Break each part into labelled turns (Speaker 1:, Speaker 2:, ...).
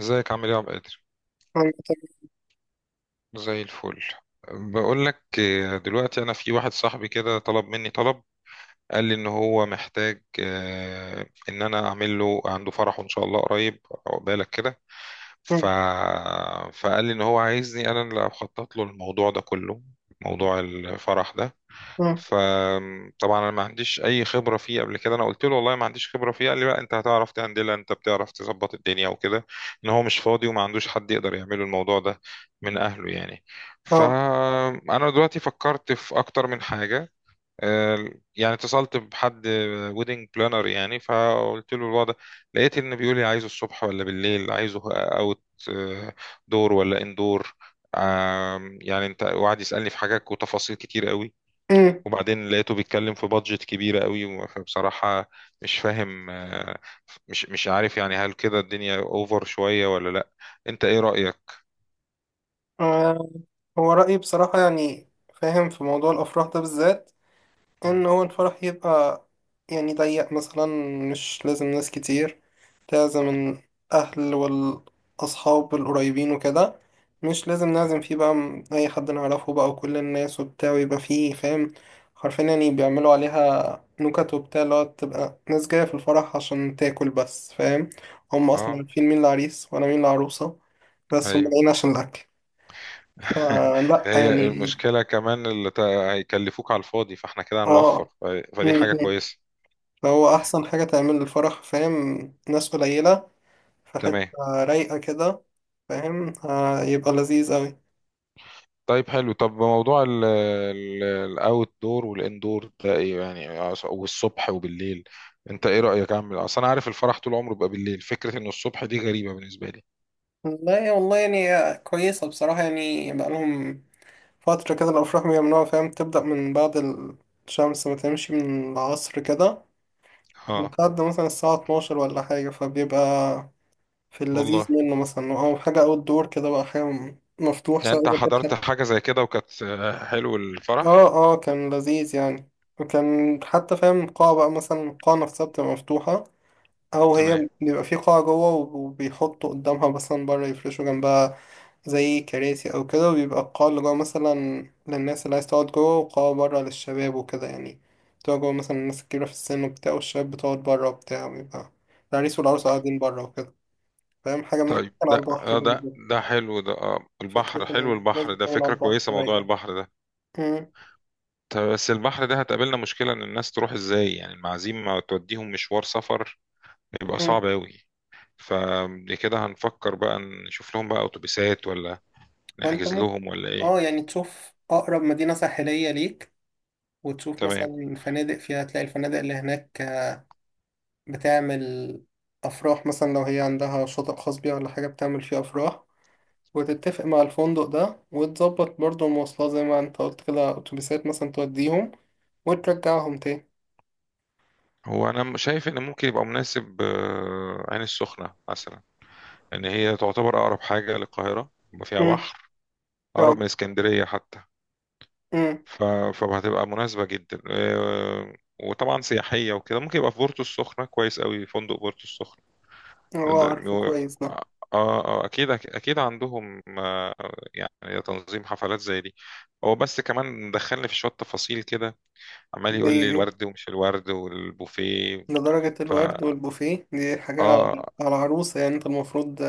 Speaker 1: ازيك عامل ايه يا عبد القادر؟
Speaker 2: أيوة.
Speaker 1: زي الفل. بقول لك، دلوقتي انا في واحد صاحبي كده طلب مني طلب. قال لي ان هو محتاج، ان انا اعمل له عنده فرحه ان شاء الله قريب. عقبالك كده. ف...
Speaker 2: تمام.
Speaker 1: فقال لي ان هو عايزني انا اللي اخطط له الموضوع ده كله، موضوع الفرح ده.
Speaker 2: م.
Speaker 1: فطبعا انا ما عنديش اي خبره فيه قبل كده، انا قلت له والله ما عنديش خبره فيه، قال لي لا انت هتعرف تهندلها، انت بتعرف تظبط الدنيا وكده. ان هو مش فاضي وما عندوش حد يقدر يعمله الموضوع ده، من اهله يعني.
Speaker 2: اه.
Speaker 1: فانا دلوقتي فكرت في اكتر من حاجه. آه، يعني اتصلت بحد ويدنج بلانر يعني، فقلت له الوضع. لقيت ان بيقول لي عايزه الصبح ولا بالليل، عايزه اوت دور ولا اندور. يعني انت وقعد يسالني في حاجات وتفاصيل كتير قوي.
Speaker 2: امم
Speaker 1: وبعدين لقيته بيتكلم في بادجت كبيرة قوي، فبصراحة مش فاهم. مش عارف يعني، هل كده الدنيا اوفر شوية ولا لا؟ انت ايه رأيك؟
Speaker 2: آه، هو رأيي بصراحة، يعني فاهم في موضوع الأفراح ده بالذات.
Speaker 1: مم.
Speaker 2: ان هو الفرح يبقى يعني ضيق مثلا، مش لازم ناس كتير، لازم الاهل والاصحاب القريبين وكده. مش لازم نعزم فيه بقى اي حد نعرفه بقى وكل الناس وبتاع، ويبقى فيه فاهم حرفيا يعني بيعملوا عليها نكت وبتاع، اللي هو تبقى ناس جاية في الفرح عشان تاكل بس. فاهم هم اصلا
Speaker 1: اه،
Speaker 2: عارفين مين العريس وانا مين العروسة، بس هم
Speaker 1: ايوه.
Speaker 2: جايين عشان الاكل. فلا
Speaker 1: هي
Speaker 2: يعني.
Speaker 1: المشكلة كمان اللي هيكلفوك على الفاضي، فاحنا كده هنوفر.
Speaker 2: اه.
Speaker 1: فدي حاجة كويسة.
Speaker 2: فهو أحسن حاجة تعمل الفرح فاهم ناس قليلة، في حتة
Speaker 1: تمام.
Speaker 2: رايقة كده، فاهم يبقى لذيذ أوي.
Speaker 1: طيب حلو، طب موضوع الاوت دور والان دور ده ايه يعني؟ والصبح وبالليل، انت ايه رأيك؟ اعمل اصل انا عارف الفرح طول عمره بيبقى بالليل، فكرة انه الصبح دي غريبة بالنسبة لي.
Speaker 2: لا والله، يعني كويسة بصراحة. يعني بقالهم فترة كده الأفراح بيعملوها، فاهم تبدأ من بعد الشمس وتمشي من العصر كده،
Speaker 1: اه
Speaker 2: لحد مثلا الساعة 12 ولا حاجة. فبيبقى في اللذيذ
Speaker 1: والله،
Speaker 2: منه، مثلا أو حاجة أوت دور كده، بقى حاجة مفتوح
Speaker 1: يعني
Speaker 2: سواء
Speaker 1: انت
Speaker 2: إذا
Speaker 1: حضرت
Speaker 2: كانت.
Speaker 1: حاجة زي كده وكانت، حلو
Speaker 2: اه
Speaker 1: الفرح؟
Speaker 2: اه، كان لذيذ يعني. وكان حتى فاهم قاعة، بقى مثلا القاعة نفسها بتبقى مفتوحة، أو
Speaker 1: تمام.
Speaker 2: هي بيبقى في قاعة جوه وبيحطوا قدامها مثلا بره، يفرشوا جنبها زي كراسي أو كده، وبيبقى القاعة اللي جوه مثلا للناس اللي عايز تقعد جوه، وقاعة بره للشباب وكده، يعني بتقعد جوه مثلا الناس الكبيرة في السن وبتاع، والشباب بتقعد بره وبتاع، ويبقى العريس والعروسة قاعدين بره وكده. فاهم حاجة مثلا
Speaker 1: طيب
Speaker 2: كان
Speaker 1: ده،
Speaker 2: على البحر
Speaker 1: ده
Speaker 2: برضه.
Speaker 1: ده حلو ده،
Speaker 2: فكرة
Speaker 1: البحر، حلو
Speaker 2: إن الناس
Speaker 1: البحر ده،
Speaker 2: بتكون على
Speaker 1: فكرة
Speaker 2: البحر
Speaker 1: كويسة موضوع
Speaker 2: رايقة.
Speaker 1: البحر ده.
Speaker 2: مم.
Speaker 1: طيب بس البحر ده هتقابلنا مشكلة، ان الناس تروح ازاي؟ يعني المعازيم ما توديهم مشوار سفر، يبقى صعب
Speaker 2: مم.
Speaker 1: اوي. فكده هنفكر بقى، نشوف لهم بقى اتوبيسات ولا
Speaker 2: وأنت
Speaker 1: نحجز لهم ولا ايه.
Speaker 2: اه، يعني تشوف أقرب مدينة ساحلية ليك، وتشوف
Speaker 1: تمام.
Speaker 2: مثلا فنادق فيها، تلاقي الفنادق اللي هناك بتعمل أفراح. مثلا لو هي عندها شاطئ خاص بيها ولا حاجة بتعمل فيه أفراح، وتتفق مع الفندق ده وتظبط برضه المواصلات زي ما انت قلت كده، أتوبيسات مثلا توديهم وترجعهم تاني.
Speaker 1: هو انا شايف ان ممكن يبقى مناسب، عين السخنة مثلا. ان هي تعتبر اقرب حاجه للقاهره، فيها
Speaker 2: امم.
Speaker 1: بحر،
Speaker 2: اه.
Speaker 1: اقرب من اسكندريه حتى.
Speaker 2: امم.
Speaker 1: ف... فهتبقى مناسبه جدا. وطبعا سياحيه وكده، ممكن يبقى في بورتو السخنه كويس قوي، فندق بورتو السخنه.
Speaker 2: اه،
Speaker 1: ده-
Speaker 2: عارفه
Speaker 1: و-
Speaker 2: كويس ده.
Speaker 1: اه. اكيد اكيد عندهم، يعني تنظيم حفلات زي دي. هو بس كمان دخلني في شويه تفاصيل كده، عمال
Speaker 2: زي
Speaker 1: يقول لي
Speaker 2: ايه؟
Speaker 1: الورد ومش الورد والبوفيه.
Speaker 2: لدرجة
Speaker 1: فا
Speaker 2: الورد والبوفيه دي حاجة
Speaker 1: اه.
Speaker 2: على العروسة، يعني انت المفروض.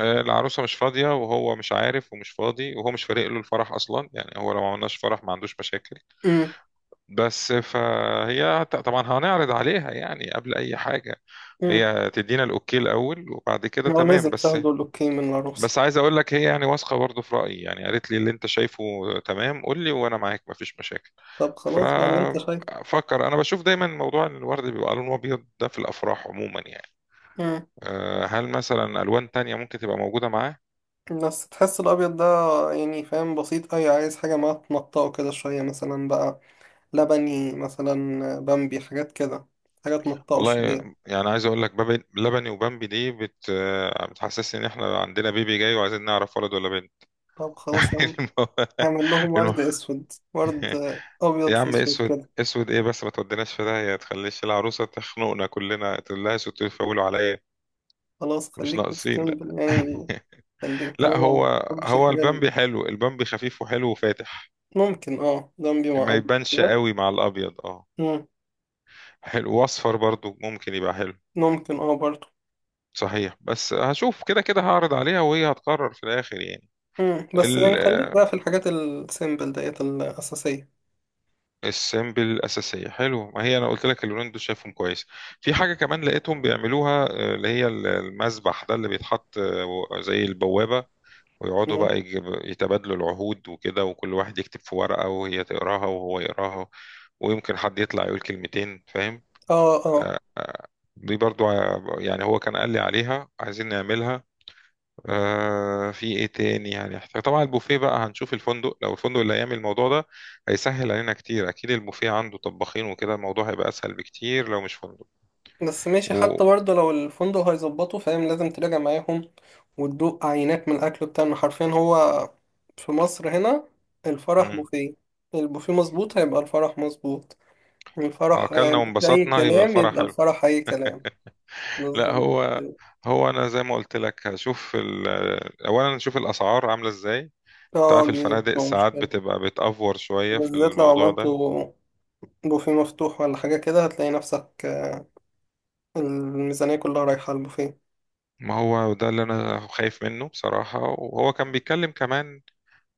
Speaker 1: العروسة مش فاضية وهو مش عارف ومش فاضي، وهو مش فارق له الفرح أصلا يعني، هو لو ما عملناش فرح ما عندوش مشاكل.
Speaker 2: امم.
Speaker 1: بس فهي، طبعا هنعرض عليها يعني قبل أي حاجة،
Speaker 2: امم.
Speaker 1: هي تدينا الأوكي الأول وبعد كده
Speaker 2: هو لازم
Speaker 1: تمام بس.
Speaker 2: تاخدوا الأوكي من العروسة.
Speaker 1: بس عايز أقول لك هي يعني واثقة برضه في رأيي، يعني قالت لي اللي أنت شايفه تمام، قول لي وأنا معاك مفيش مشاكل.
Speaker 2: طب خلاص بقى اللي انت شايفه.
Speaker 1: ففكر أنا، بشوف دايما موضوع إن الورد بيبقى لونه أبيض ده في الأفراح عموما يعني،
Speaker 2: مم.
Speaker 1: هل مثلا ألوان تانية ممكن تبقى موجودة معاه؟
Speaker 2: بس تحس الابيض ده يعني فاهم بسيط اوي، عايز حاجه ما تنطقه كده شويه، مثلا بقى لبني مثلا، بامبي، حاجات كده، حاجات تنطقه
Speaker 1: والله
Speaker 2: شويه.
Speaker 1: يعني عايز اقول لك، بابي لبني وبامبي دي بتحسسني ان احنا عندنا بيبي جاي وعايزين نعرف ولد ولا بنت.
Speaker 2: طب خلاص يا عم،
Speaker 1: المو...
Speaker 2: هعمل لهم
Speaker 1: المو...
Speaker 2: ورد اسود، ورد ابيض
Speaker 1: يا
Speaker 2: في
Speaker 1: عم،
Speaker 2: اسود
Speaker 1: اسود
Speaker 2: كده.
Speaker 1: اسود ايه بس، ما توديناش في داهيه، تخليش العروسه تخنقنا كلنا، تقول لها سوتوا تفولوا عليا.
Speaker 2: خلاص
Speaker 1: مش
Speaker 2: خليك
Speaker 1: ناقصين لا.
Speaker 2: تستمبل يعني، خليك
Speaker 1: لا
Speaker 2: طالما
Speaker 1: هو،
Speaker 2: ما بتحبش
Speaker 1: هو
Speaker 2: الحاجه اللي.
Speaker 1: البامبي حلو، البامبي خفيف وحلو وفاتح،
Speaker 2: ممكن اه، بامبي مع
Speaker 1: ما
Speaker 2: ابيض
Speaker 1: يبانش
Speaker 2: كده.
Speaker 1: قوي مع الابيض، اه.
Speaker 2: مم.
Speaker 1: حلو، واصفر برضو ممكن يبقى حلو.
Speaker 2: ممكن اه برضه.
Speaker 1: صحيح بس هشوف، كده كده هعرض عليها وهي هتقرر في الاخر يعني.
Speaker 2: مم. بس يعني
Speaker 1: ال-
Speaker 2: خليك بقى
Speaker 1: آه،
Speaker 2: في الحاجات السيمبل ديت الاساسيه.
Speaker 1: السيمبل الأساسية حلو، ما هي أنا قلت لك اللونين دول شايفهم كويس. في حاجة كمان لقيتهم بيعملوها، اللي هي المذبح ده اللي بيتحط، زي البوابة، ويقعدوا بقى يتبادلوا العهود وكده، وكل واحد يكتب في ورقة وهي تقراها وهو يقراها، ويمكن حد يطلع يقول كلمتين فاهم.
Speaker 2: اه اه.
Speaker 1: دي برضو، يعني هو كان قال لي عليها عايزين نعملها. في ايه تاني يعني احتاج؟ طبعا البوفيه بقى هنشوف الفندق، لو الفندق اللي هيعمل الموضوع ده هيسهل علينا كتير، اكيد البوفيه عنده طباخين وكده، الموضوع هيبقى اسهل بكتير لو مش فندق.
Speaker 2: بس ماشي،
Speaker 1: و
Speaker 2: حتى برضه لو الفندق هيظبطه، فاهم لازم تراجع معاهم وتدوق عينات من الاكل بتاعنا. حرفيا هو في مصر هنا الفرح
Speaker 1: مم.
Speaker 2: بوفيه، البوفيه مظبوط هيبقى الفرح مظبوط، الفرح
Speaker 1: اكلنا
Speaker 2: اي
Speaker 1: وانبسطنا يبقى
Speaker 2: كلام
Speaker 1: الفرح
Speaker 2: يبقى
Speaker 1: حلو.
Speaker 2: الفرح اي كلام.
Speaker 1: لا
Speaker 2: بالظبط.
Speaker 1: هو، هو انا زي ما قلت لك هشوف اولا نشوف الاسعار عامله ازاي، انت
Speaker 2: اه،
Speaker 1: عارف
Speaker 2: دي
Speaker 1: الفنادق
Speaker 2: بتبقى
Speaker 1: ساعات
Speaker 2: مشكلة،
Speaker 1: بتبقى بتأفور شويه في
Speaker 2: بالذات لو
Speaker 1: الموضوع
Speaker 2: عملته
Speaker 1: ده.
Speaker 2: بوفيه مفتوح ولا حاجة كده، هتلاقي نفسك الميزانية كلها رايحة على البوفيه.
Speaker 1: ما هو ده اللي انا خايف منه بصراحه. وهو كان بيتكلم كمان،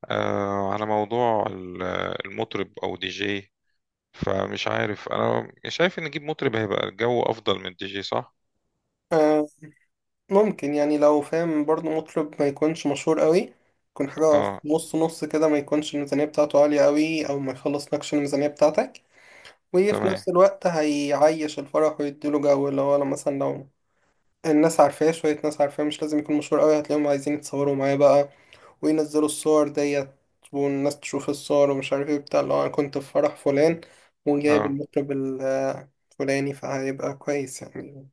Speaker 1: على موضوع المطرب او دي جي. فمش عارف، انا شايف ان نجيب مطرب هيبقى الجو افضل من دي جي، صح؟
Speaker 2: آه، ممكن يعني، لو فاهم برضو مطرب ما يكونش مشهور قوي، يكون حاجة في
Speaker 1: اه،
Speaker 2: نص نص كده، ما يكونش الميزانية بتاعته عالية قوي أو ما يخلص نكش الميزانية بتاعتك. وفي
Speaker 1: تمام،
Speaker 2: نفس الوقت هيعيش الفرح ويديله جو، اللي هو لو مثلا، لو الناس عارفاه شوية ناس عارفاه، مش لازم يكون مشهور قوي، هتلاقيهم عايزين يتصوروا معاه بقى وينزلوا الصور ديت، والناس تشوف الصور ومش عارف ايه بتاع، اللي هو أنا كنت في فرح فلان وجايب
Speaker 1: اه.
Speaker 2: المطرب الفلاني، فهيبقى كويس يعني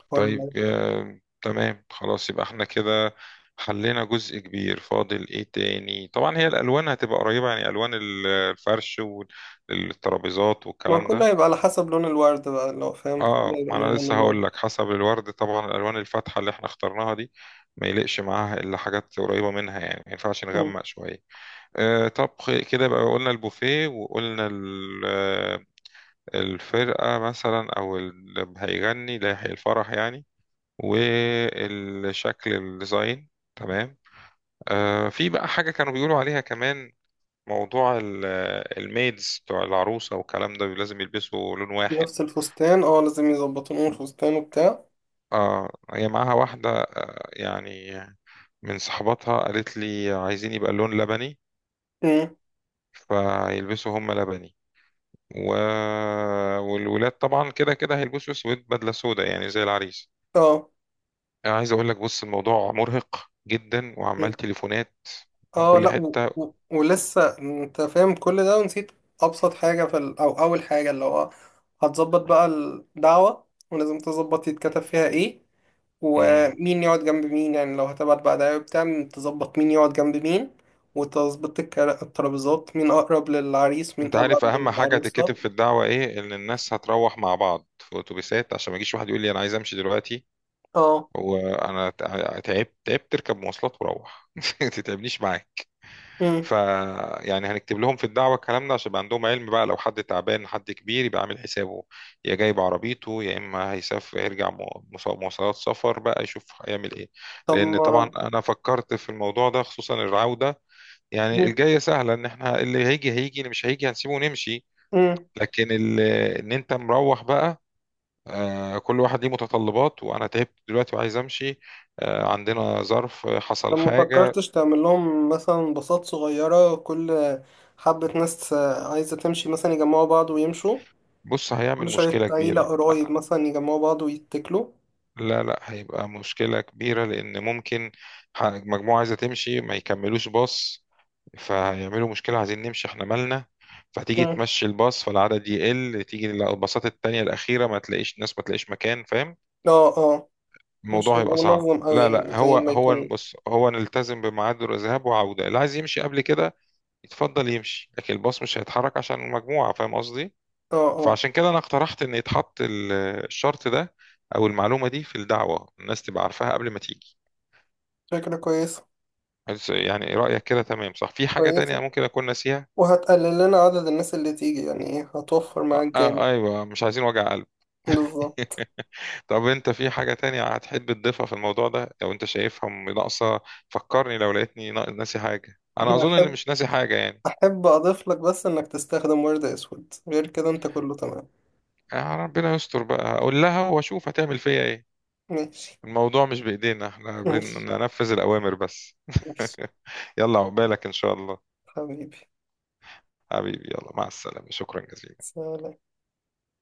Speaker 2: الحوار
Speaker 1: طيب،
Speaker 2: ده.
Speaker 1: تمام خلاص، يبقى احنا كده حلينا جزء كبير. فاضل ايه تاني؟ طبعا هي الالوان هتبقى قريبة يعني، الوان الفرش والترابيزات
Speaker 2: ما
Speaker 1: والكلام
Speaker 2: كله
Speaker 1: ده.
Speaker 2: هيبقى على حسب لون الورد بقى، لو فاهم كله
Speaker 1: اه،
Speaker 2: هيبقى
Speaker 1: ما
Speaker 2: من
Speaker 1: انا
Speaker 2: لون
Speaker 1: لسه هقول
Speaker 2: الورد.
Speaker 1: لك، حسب الورد طبعا، الالوان الفاتحة اللي احنا اخترناها دي ما يليقش معاها الا حاجات قريبة منها يعني، ما ينفعش
Speaker 2: مم.
Speaker 1: نغمق شوية. طب كده بقى قلنا البوفيه، وقلنا الفرقة مثلا، أو اللي هيغني اللي هيحيي الفرح يعني، والشكل الديزاين. تمام. في بقى حاجة كانوا بيقولوا عليها كمان، موضوع الميدز بتوع العروسة والكلام ده، لازم يلبسوا لون واحد.
Speaker 2: نفس الفستان، اه لازم يظبطوا لون الفستان وبتاع.
Speaker 1: اه، هي معاها واحدة يعني من صحباتها، قالت لي عايزين يبقى اللون لبني،
Speaker 2: مم.
Speaker 1: فيلبسوا هم لبني. و... والولاد طبعا كده كده هيلبسوا اسود، بدله سودا يعني زي العريس.
Speaker 2: اه.
Speaker 1: انا عايز اقول لك بص، الموضوع مرهق جدا، وعمال
Speaker 2: مم.
Speaker 1: تليفونات من
Speaker 2: اه،
Speaker 1: كل
Speaker 2: لا و...
Speaker 1: حته.
Speaker 2: و... ولسه انت فاهم كل ده ونسيت ابسط حاجة في ال... او اول حاجة، اللي هو هتظبط بقى الدعوة، ولازم تظبط يتكتب فيها ايه
Speaker 1: مم.
Speaker 2: ومين يقعد جنب مين، يعني لو هتبعت بقى دعوة بتاع، تظبط مين يقعد جنب مين، وتظبط الترابيزات، مين اقرب للعريس مين
Speaker 1: انت
Speaker 2: ابعد
Speaker 1: عارف اهم حاجه تتكتب
Speaker 2: للعروسة.
Speaker 1: في الدعوه ايه؟ ان الناس هتروح مع بعض في اتوبيسات، عشان ما يجيش واحد يقول لي انا عايز امشي دلوقتي،
Speaker 2: اه.
Speaker 1: وانا تعبت تعبت تركب مواصلات وروح، ما تتعبنيش معاك. ف يعني هنكتب لهم في الدعوة الكلام ده، عشان يبقى عندهم علم بقى، لو حد تعبان حد كبير يبقى عامل حسابه، يا جايب عربيته يا إما هيسافر يرجع مواصلات، سفر بقى يشوف هيعمل إيه.
Speaker 2: طب
Speaker 1: لأن طبعا
Speaker 2: ما
Speaker 1: أنا فكرت في الموضوع ده، خصوصا العودة، يعني
Speaker 2: مم.
Speaker 1: الجاية سهلة، إن إحنا اللي هيجي هيجي اللي مش هيجي هنسيبه ونمشي.
Speaker 2: مم.
Speaker 1: لكن إن أنت مروح بقى، كل واحد ليه متطلبات، وأنا تعبت دلوقتي وعايز أمشي، عندنا ظرف، حصل
Speaker 2: طب ما
Speaker 1: حاجة.
Speaker 2: فكرتش تعمل لهم مثلا باصات صغيرة، كل حبة ناس عايزة تمشي مثلا يجمعوا بعض ويمشوا،
Speaker 1: بص هيعمل
Speaker 2: كل شوية
Speaker 1: مشكلة
Speaker 2: عيلة
Speaker 1: كبيرة،
Speaker 2: قرايب مثلا يجمعوا بعض ويتكلوا.
Speaker 1: لا لا، هيبقى مشكلة كبيرة، لأن ممكن مجموعة عايزة تمشي ما يكملوش باص، فهيعملوا مشكلة، عايزين نمشي احنا مالنا. فتيجي
Speaker 2: مم.
Speaker 1: تمشي الباص، فالعدد يقل، تيجي الباصات التانية الأخيرة ما تلاقيش ناس، ما تلاقيش مكان، فاهم؟
Speaker 2: اه اه. مش
Speaker 1: الموضوع
Speaker 2: هيبقى
Speaker 1: هيبقى صعب.
Speaker 2: منظم أوي
Speaker 1: لا لا،
Speaker 2: يعني، زي
Speaker 1: هو
Speaker 2: ما
Speaker 1: هو،
Speaker 2: يكون.
Speaker 1: بص، هو نلتزم بميعاد الذهاب وعودة، اللي عايز يمشي قبل كده يتفضل يمشي، لكن الباص مش هيتحرك عشان المجموعة، فاهم قصدي؟
Speaker 2: اه اه.
Speaker 1: فعشان كده أنا اقترحت إن يتحط الشرط ده، أو المعلومة دي في الدعوة، الناس تبقى عارفاها قبل ما تيجي.
Speaker 2: فكرة كويسة.
Speaker 1: بس يعني رأيك كده تمام، صح؟ في حاجة تانية
Speaker 2: كويسة،
Speaker 1: ممكن أكون ناسيها؟
Speaker 2: وهتقلل لنا عدد الناس اللي تيجي، يعني ايه هتوفر معاك
Speaker 1: آه،
Speaker 2: جامد.
Speaker 1: أيوة، مش عايزين وجع قلب.
Speaker 2: بالظبط.
Speaker 1: طب أنت في حاجة تانية هتحب تضيفها في الموضوع ده لو أنت شايفها ناقصة؟ فكرني لو لقيتني ناسي حاجة، أنا
Speaker 2: أنا
Speaker 1: أظن إن
Speaker 2: أحب
Speaker 1: مش ناسي حاجة يعني.
Speaker 2: أحب أضيف لك بس إنك تستخدم ورد أسود، غير كده أنت كله تمام.
Speaker 1: آه، ربنا يستر بقى، هقول لها وأشوف هتعمل فيا إيه.
Speaker 2: ماشي.
Speaker 1: الموضوع مش بإيدينا، إحنا
Speaker 2: ماشي.
Speaker 1: بننفذ الأوامر بس.
Speaker 2: ماشي.
Speaker 1: يلا، عقبالك إن شاء الله.
Speaker 2: حبيبي،
Speaker 1: حبيبي، يلا مع السلامة، شكرا جزيلا.
Speaker 2: سلام.